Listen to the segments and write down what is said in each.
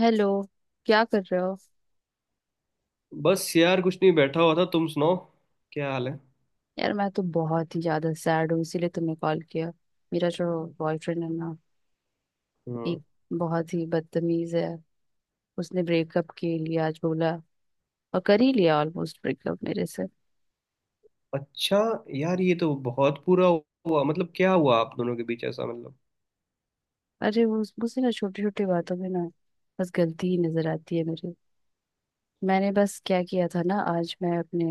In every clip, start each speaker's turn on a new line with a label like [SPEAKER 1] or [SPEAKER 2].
[SPEAKER 1] Hello. क्या कर रहे हो?
[SPEAKER 2] बस यार कुछ नहीं बैठा हुआ था, तुम सुनाओ क्या हाल है।
[SPEAKER 1] यार, मैं तो बहुत ही ज्यादा सैड हूँ इसीलिए तुम्हें कॉल किया। मेरा जो बॉयफ्रेंड है ना,
[SPEAKER 2] हम्म।
[SPEAKER 1] एक बहुत ही बदतमीज है। उसने ब्रेकअप के लिए आज बोला और कर ही लिया ऑलमोस्ट ब्रेकअप मेरे से।
[SPEAKER 2] अच्छा, यार ये तो बहुत पूरा हुआ, मतलब क्या हुआ आप दोनों के बीच ऐसा मतलब।
[SPEAKER 1] अरे वो मुझे ना छोटी छोटी बातों में ना बस गलती ही नजर आती है मेरी। मैंने बस क्या किया था ना, आज मैं अपने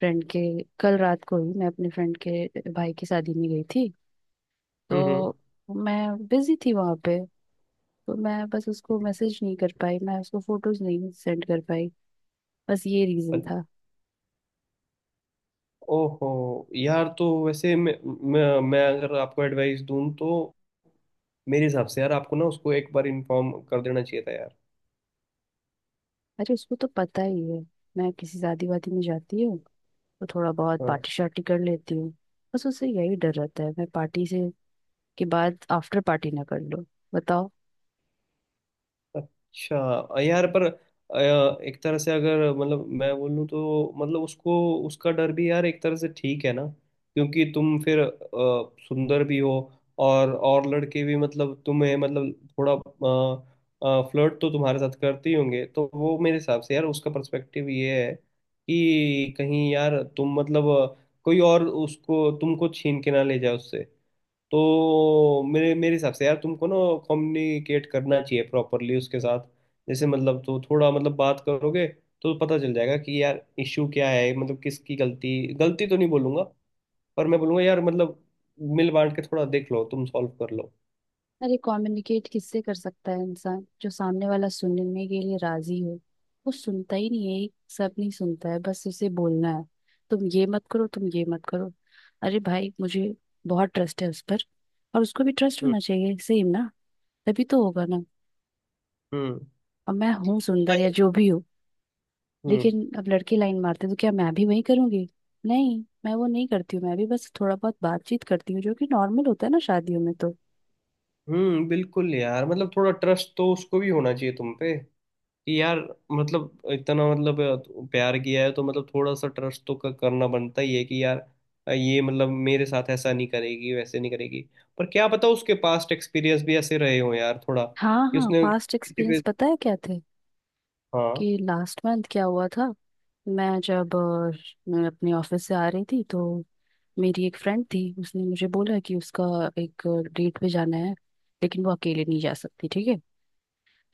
[SPEAKER 1] फ्रेंड के कल रात को ही मैं अपने फ्रेंड के भाई की शादी में गई थी।
[SPEAKER 2] हम्म हम्म।
[SPEAKER 1] तो मैं बिजी थी वहां पे, तो मैं बस उसको मैसेज नहीं कर पाई, मैं उसको फोटोज नहीं सेंड कर पाई। बस ये रीजन
[SPEAKER 2] अच-
[SPEAKER 1] था।
[SPEAKER 2] ओहो यार, तो वैसे मैं अगर आपको एडवाइस दूं तो मेरे हिसाब से यार आपको ना उसको एक बार इन्फॉर्म कर देना चाहिए था यार।
[SPEAKER 1] अरे उसको तो पता ही है मैं किसी शादी वादी में जाती हूँ तो थोड़ा बहुत
[SPEAKER 2] हाँ।
[SPEAKER 1] पार्टी शार्टी कर लेती हूँ। बस उससे यही डर रहता है मैं पार्टी से के बाद आफ्टर पार्टी ना कर लूँ। बताओ।
[SPEAKER 2] अच्छा। यार पर एक तरह से अगर मतलब मैं बोलूँ तो मतलब उसको, उसका डर भी यार एक तरह से ठीक है ना, क्योंकि तुम फिर सुंदर भी हो, और लड़के भी मतलब तुम्हें मतलब थोड़ा फ्लर्ट तो तुम्हारे साथ करते ही होंगे, तो वो मेरे हिसाब से यार उसका पर्सपेक्टिव ये है कि कहीं यार तुम मतलब कोई और उसको तुमको छीन के ना ले जाए उससे। तो मेरे मेरे हिसाब से यार तुमको ना कम्युनिकेट करना चाहिए प्रॉपरली उसके साथ। जैसे मतलब तो थोड़ा मतलब बात करोगे तो पता चल जाएगा कि यार इश्यू क्या है, मतलब किसकी गलती गलती तो नहीं बोलूंगा, पर मैं बोलूंगा यार मतलब मिल बांट के थोड़ा देख लो, तुम सॉल्व कर लो।
[SPEAKER 1] अरे कम्युनिकेट किससे कर सकता है इंसान? जो सामने वाला सुनने के लिए राजी हो। वो सुनता ही नहीं है, एक सब नहीं सुनता है, बस उसे बोलना है, तुम ये मत करो, तुम ये मत करो। अरे भाई, मुझे बहुत ट्रस्ट है उस पर, और उसको भी ट्रस्ट
[SPEAKER 2] हम्म।
[SPEAKER 1] होना चाहिए सेम ना, तभी तो होगा ना।
[SPEAKER 2] हम्म।
[SPEAKER 1] अब मैं हूँ सुंदर
[SPEAKER 2] हाँ।
[SPEAKER 1] या जो भी हूँ,
[SPEAKER 2] हम्म।
[SPEAKER 1] लेकिन अब लड़के लाइन मारते तो क्या मैं भी वही करूंगी? नहीं, मैं वो नहीं करती हूँ। मैं भी बस थोड़ा बहुत बातचीत करती हूँ, जो कि नॉर्मल होता है ना शादियों में तो।
[SPEAKER 2] बिल्कुल यार, मतलब थोड़ा ट्रस्ट तो उसको भी होना चाहिए तुम पे, यार मतलब इतना मतलब प्यार किया है तो मतलब थोड़ा सा ट्रस्ट तो करना बनता ही है कि यार ये मतलब मेरे साथ ऐसा नहीं करेगी, वैसे नहीं करेगी। पर क्या पता उसके पास्ट एक्सपीरियंस भी ऐसे रहे हो यार थोड़ा,
[SPEAKER 1] हाँ
[SPEAKER 2] कि
[SPEAKER 1] हाँ,
[SPEAKER 2] उसने
[SPEAKER 1] पास्ट
[SPEAKER 2] किसी
[SPEAKER 1] एक्सपीरियंस
[SPEAKER 2] पे।
[SPEAKER 1] पता है क्या थे,
[SPEAKER 2] हाँ।
[SPEAKER 1] कि लास्ट मंथ क्या हुआ था। मैं जब मैं अपने ऑफिस से आ रही थी तो मेरी एक फ्रेंड थी, उसने मुझे बोला कि उसका एक डेट पे जाना है, लेकिन वो अकेले नहीं जा सकती ठीक है।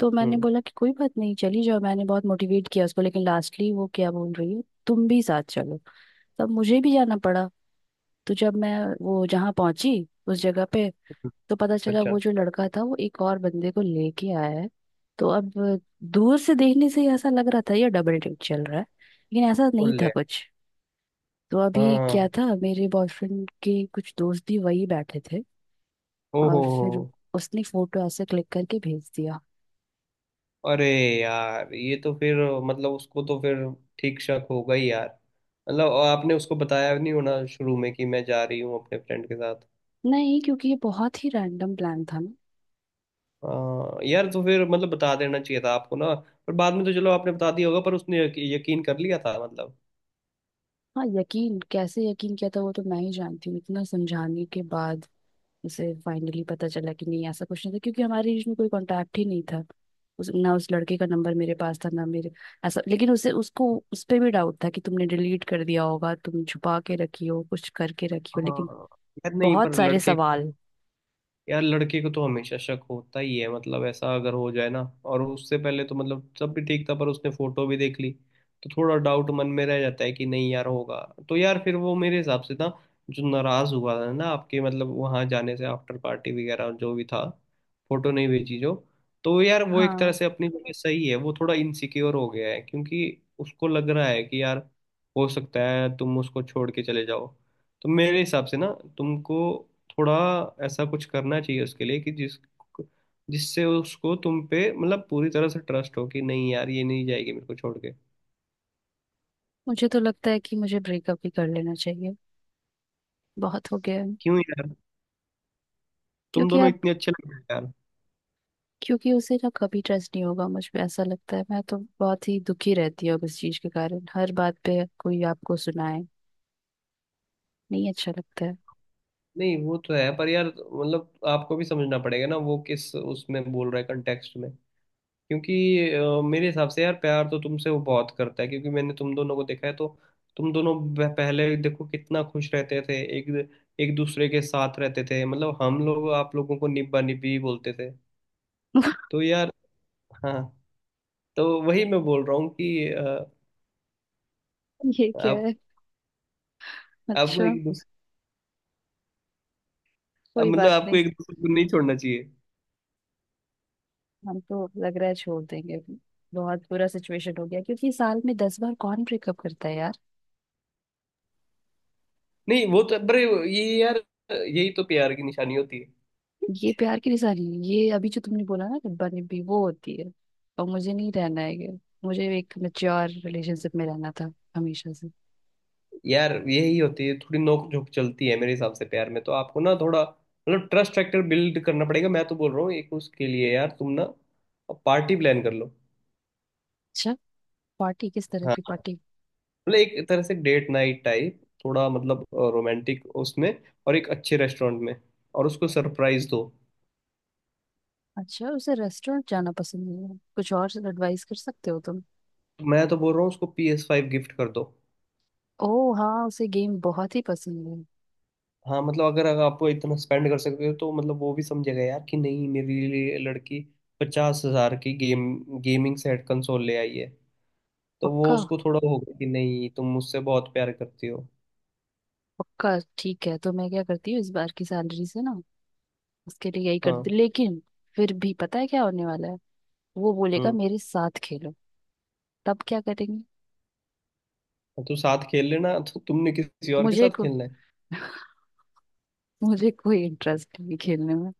[SPEAKER 1] तो मैंने
[SPEAKER 2] हम्म।
[SPEAKER 1] बोला कि कोई बात नहीं चली जाओ, मैंने बहुत मोटिवेट किया उसको, लेकिन लास्टली वो क्या बोल रही है, तुम भी साथ चलो। तब मुझे भी जाना पड़ा। तो जब मैं वो जहाँ पहुंची उस जगह पे,
[SPEAKER 2] हम्म।
[SPEAKER 1] तो पता चला वो
[SPEAKER 2] अच्छा।
[SPEAKER 1] जो लड़का था वो एक और बंदे को लेके आया है। तो अब दूर से देखने से ही ऐसा लग रहा था ये डबल डेट चल रहा है, लेकिन ऐसा नहीं था
[SPEAKER 2] ओले।
[SPEAKER 1] कुछ। तो
[SPEAKER 2] हाँ
[SPEAKER 1] अभी क्या
[SPEAKER 2] हाँ।
[SPEAKER 1] था, मेरे बॉयफ्रेंड के कुछ दोस्त भी वही बैठे थे,
[SPEAKER 2] ओहो
[SPEAKER 1] और फिर
[SPEAKER 2] हो।
[SPEAKER 1] उसने फोटो ऐसे क्लिक करके भेज दिया।
[SPEAKER 2] अरे यार, ये तो फिर मतलब उसको तो फिर ठीक शक होगा ही यार। मतलब आपने उसको बताया नहीं होना शुरू में कि मैं जा रही हूँ अपने फ्रेंड के साथ।
[SPEAKER 1] नहीं, क्योंकि ये बहुत ही रैंडम प्लान था ना।
[SPEAKER 2] हाँ यार, तो फिर मतलब बता देना चाहिए था आपको ना, पर बाद में तो चलो आपने बता दिया होगा, पर उसने यकीन कर लिया था मतलब।
[SPEAKER 1] हाँ यकीन, कैसे यकीन किया था वो तो मैं ही जानती हूँ। इतना समझाने के बाद उसे फाइनली पता चला कि नहीं ऐसा कुछ नहीं था, क्योंकि हमारे बीच में कोई कांटेक्ट ही नहीं था। उस लड़के का नंबर मेरे पास था ना मेरे ऐसा, लेकिन उसे उसको उस पे भी डाउट था कि तुमने डिलीट कर दिया होगा, तुम छुपा के रखी हो, कुछ करके रखी हो लेकिन।
[SPEAKER 2] हाँ यार, नहीं
[SPEAKER 1] बहुत
[SPEAKER 2] पर
[SPEAKER 1] सारे
[SPEAKER 2] लड़के,
[SPEAKER 1] सवाल।
[SPEAKER 2] यार लड़के को तो हमेशा शक होता ही है, मतलब ऐसा अगर हो जाए ना। और उससे पहले तो मतलब सब भी ठीक था, पर उसने फोटो भी देख ली, तो थोड़ा डाउट मन में रह जाता है कि नहीं यार होगा। तो यार फिर वो मेरे हिसाब से ना जो नाराज हुआ था ना आपके मतलब वहां जाने से, आफ्टर पार्टी वगैरह जो भी था, फोटो नहीं भेजी जो। तो यार वो एक तरह
[SPEAKER 1] हाँ,
[SPEAKER 2] से अपनी जगह सही है, वो थोड़ा इनसिक्योर हो गया है, क्योंकि उसको लग रहा है कि यार हो सकता है तुम उसको छोड़ के चले जाओ। तो मेरे हिसाब से ना तुमको थोड़ा ऐसा कुछ करना चाहिए उसके लिए कि जिस जिससे उसको तुम पे मतलब पूरी तरह से ट्रस्ट हो कि नहीं यार ये नहीं जाएगी मेरे को छोड़ के।
[SPEAKER 1] मुझे तो लगता है कि मुझे ब्रेकअप ही कर लेना चाहिए। बहुत हो गया है।
[SPEAKER 2] क्यों यार, तुम
[SPEAKER 1] क्योंकि
[SPEAKER 2] दोनों
[SPEAKER 1] अब,
[SPEAKER 2] इतने अच्छे लग रहे हो यार।
[SPEAKER 1] क्योंकि उसे ना कभी ट्रस्ट नहीं होगा मुझ पे ऐसा लगता है। मैं तो बहुत ही दुखी रहती हूँ अब इस चीज के कारण। हर बात पे कोई आपको सुनाए, नहीं अच्छा लगता है।
[SPEAKER 2] नहीं वो तो है, पर यार मतलब आपको भी समझना पड़ेगा ना वो किस उसमें बोल रहा है कंटेक्स्ट में, क्योंकि मेरे हिसाब से यार प्यार तो तुमसे वो बहुत करता है, क्योंकि मैंने तुम दोनों को देखा है तो तुम दोनों पहले देखो कितना खुश रहते थे, एक एक दूसरे के साथ रहते थे, मतलब हम लोग आप लोगों को निब्बा निब्बी बोलते थे। तो यार, हाँ, तो वही मैं बोल रहा हूँ कि अ,
[SPEAKER 1] ये क्या
[SPEAKER 2] आप
[SPEAKER 1] है?
[SPEAKER 2] आपको
[SPEAKER 1] अच्छा,
[SPEAKER 2] एक दूसरे
[SPEAKER 1] कोई
[SPEAKER 2] मतलब
[SPEAKER 1] बात
[SPEAKER 2] आपको
[SPEAKER 1] नहीं।
[SPEAKER 2] एक दूसरे को नहीं छोड़ना चाहिए।
[SPEAKER 1] हम तो लग रहा है छोड़ देंगे। बहुत बुरा सिचुएशन हो गया, क्योंकि साल में 10 बार कौन ब्रेकअप करता है यार?
[SPEAKER 2] नहीं वो तो, पर ये यार यही तो प्यार की निशानी होती है।
[SPEAKER 1] ये प्यार की निशानी है ये? अभी जो तुमने बोला ना डिब्बा डिब्बी, वो होती है। और मुझे नहीं रहना है ये, मुझे एक मेच्योर रिलेशनशिप में रहना था हमेशा से।
[SPEAKER 2] यार यही होती है, थोड़ी नोक झोंक चलती है मेरे हिसाब से प्यार में, तो आपको ना थोड़ा मतलब ट्रस्ट फैक्टर बिल्ड करना पड़ेगा। मैं तो बोल रहा हूँ एक उसके लिए यार तुम ना पार्टी प्लान कर लो।
[SPEAKER 1] अच्छा, पार्टी? किस तरह की
[SPEAKER 2] हाँ,
[SPEAKER 1] पार्टी?
[SPEAKER 2] मतलब एक तरह से डेट नाइट टाइप थोड़ा मतलब रोमांटिक उसमें, और एक अच्छे रेस्टोरेंट में, और उसको सरप्राइज दो।
[SPEAKER 1] अच्छा, उसे रेस्टोरेंट जाना पसंद नहीं है। कुछ और एडवाइस कर सकते हो तुम?
[SPEAKER 2] तो मैं तो बोल रहा हूँ उसको PS5 गिफ्ट कर दो।
[SPEAKER 1] ओह हाँ, उसे गेम बहुत ही पसंद है।
[SPEAKER 2] हाँ मतलब, अगर अगर आपको इतना स्पेंड कर सकते हो तो मतलब वो भी समझेगा यार कि नहीं मेरे लिए लड़की 50 हज़ार की गेम गेमिंग सेट कंसोल ले आई है। तो वो
[SPEAKER 1] पक्का?
[SPEAKER 2] उसको थोड़ा होगा कि नहीं तुम मुझसे बहुत प्यार करती हो।
[SPEAKER 1] पक्का ठीक है, तो मैं क्या करती हूँ इस बार की सैलरी से ना उसके लिए यही कर
[SPEAKER 2] हाँ।
[SPEAKER 1] दी, लेकिन फिर भी पता है क्या होने वाला है? वो बोलेगा
[SPEAKER 2] हम्म।
[SPEAKER 1] मेरे साथ खेलो। तब क्या करेंगे?
[SPEAKER 2] तो तू साथ खेल लेना, तो तुमने किसी और के
[SPEAKER 1] मुझे
[SPEAKER 2] साथ
[SPEAKER 1] को
[SPEAKER 2] खेलना है।
[SPEAKER 1] मुझे कोई इंटरेस्ट नहीं खेलने में।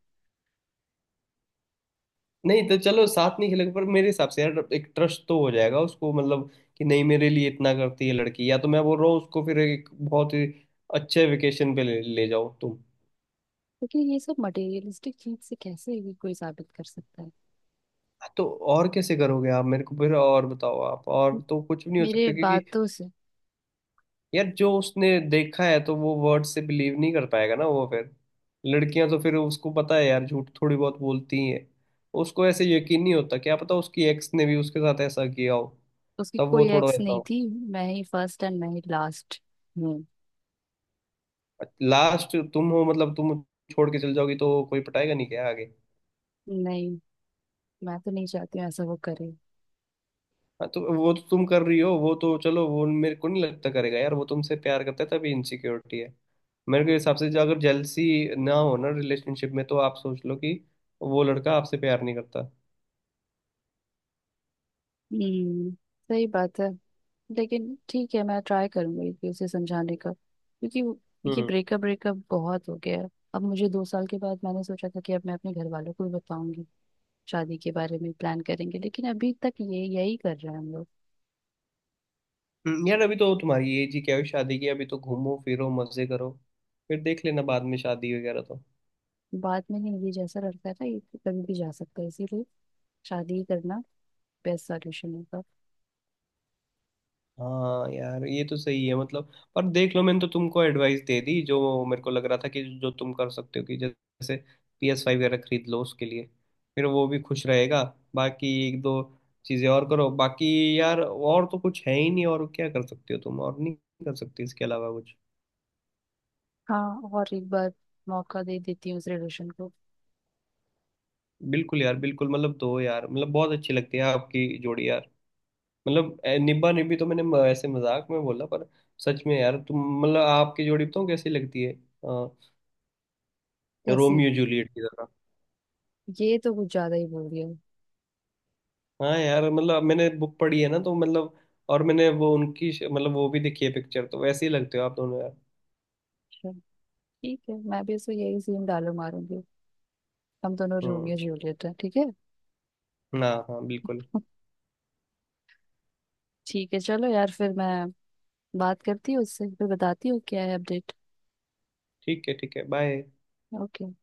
[SPEAKER 2] नहीं तो चलो साथ नहीं खेलेंगे, पर मेरे हिसाब से यार एक ट्रस्ट तो हो जाएगा उसको, मतलब कि नहीं मेरे लिए इतना करती है लड़की। या तो मैं बोल रहा हूँ उसको फिर एक बहुत ही अच्छे वेकेशन पे ले जाओ तुम।
[SPEAKER 1] क्योंकि ये सब मटेरियलिस्टिक चीज से कैसे भी कोई साबित कर सकता है?
[SPEAKER 2] तो और कैसे करोगे आप मेरे को फिर, और बताओ आप,
[SPEAKER 1] म-
[SPEAKER 2] और तो कुछ भी नहीं हो
[SPEAKER 1] मेरे
[SPEAKER 2] सकता, क्योंकि
[SPEAKER 1] बातों से।
[SPEAKER 2] यार जो उसने देखा है तो वो वर्ड से बिलीव नहीं कर पाएगा ना वो फिर। लड़कियां तो फिर उसको पता है यार झूठ थोड़ी बहुत बोलती ही हैं, उसको ऐसे यकीन नहीं होता। क्या पता उसकी एक्स ने भी उसके साथ ऐसा किया हो,
[SPEAKER 1] उसकी
[SPEAKER 2] तब वो
[SPEAKER 1] कोई
[SPEAKER 2] थोड़ा
[SPEAKER 1] एक्स
[SPEAKER 2] रहता
[SPEAKER 1] नहीं
[SPEAKER 2] हो।
[SPEAKER 1] थी। मैं ही फर्स्ट एंड मैं ही लास्ट हूँ।
[SPEAKER 2] लास्ट तुम हो, मतलब तुम छोड़ के चल जाओगी तो कोई पटाएगा नहीं क्या आगे।
[SPEAKER 1] नहीं, मैं तो नहीं चाहती हूँ ऐसा वो करे।
[SPEAKER 2] हाँ तो वो तो तुम कर रही हो, वो तो चलो वो मेरे को नहीं लगता करेगा यार, वो तुमसे प्यार करता है तभी इनसिक्योरिटी है। मेरे के हिसाब से जो अगर जेलसी ना हो ना रिलेशनशिप में तो आप सोच लो कि वो लड़का आपसे प्यार नहीं करता।
[SPEAKER 1] हम्म, सही बात है। लेकिन ठीक है, मैं ट्राई करूंगी कि उसे समझाने का, क्योंकि ये
[SPEAKER 2] हम्म।
[SPEAKER 1] ब्रेकअप ब्रेकअप बहुत हो गया है। अब मुझे 2 साल के बाद मैंने सोचा था कि अब मैं अपने घर वालों को भी बताऊंगी, शादी के बारे में प्लान करेंगे, लेकिन अभी तक ये यही कर रहे हैं हम लोग।
[SPEAKER 2] यार अभी तो तुम्हारी एज ही क्या हुई शादी की, अभी तो घूमो फिरो मजे करो, फिर देख लेना बाद में शादी वगैरह तो।
[SPEAKER 1] बाद में नहीं, ये जैसा लड़का है ना ये तो कभी भी जा सकता है, इसीलिए शादी ही करना बेस्ट सॉल्यूशन होगा।
[SPEAKER 2] हाँ यार ये तो सही है, मतलब पर देख लो मैंने तो तुमको एडवाइस दे दी जो मेरे को लग रहा था कि जो तुम कर सकते हो, कि जैसे PS5 वगैरह खरीद लो उसके लिए, फिर वो भी खुश रहेगा। बाकी एक दो चीज़ें और करो, बाकी यार और तो कुछ है ही नहीं। और क्या कर सकते हो तुम, और नहीं कर सकते इसके अलावा कुछ।
[SPEAKER 1] हाँ, और एक बार मौका दे देती हूँ उस रिलेशन को।
[SPEAKER 2] बिल्कुल यार, बिल्कुल, मतलब दो यार, मतलब बहुत अच्छी लगती है आपकी जोड़ी यार, मतलब निब्बा निब्बी तो मैंने ऐसे मजाक में बोला, पर सच में यार तुम मतलब आपकी जोड़ी बताऊँ कैसी लगती है,
[SPEAKER 1] जैसे,
[SPEAKER 2] रोमियो जूलियट की तरह।
[SPEAKER 1] ये तो कुछ ज्यादा ही बोल दिया।
[SPEAKER 2] हाँ यार, मतलब मैंने बुक पढ़ी है ना तो मतलब, और मैंने वो उनकी मतलब वो भी देखी है पिक्चर, तो वैसे ही लगते हो आप दोनों यार।
[SPEAKER 1] अच्छा, ठीक है, मैं भी इसको यही सीन डालो मारूंगी, हम दोनों रोमियो
[SPEAKER 2] हम्म।
[SPEAKER 1] जूलियट हैं ठीक है।
[SPEAKER 2] हाँ हाँ, बिल्कुल।
[SPEAKER 1] ठीक है चलो यार, फिर मैं बात करती हूँ उससे, फिर बताती हूँ क्या है अपडेट।
[SPEAKER 2] ठीक है, ठीक है, बाय।
[SPEAKER 1] ओके।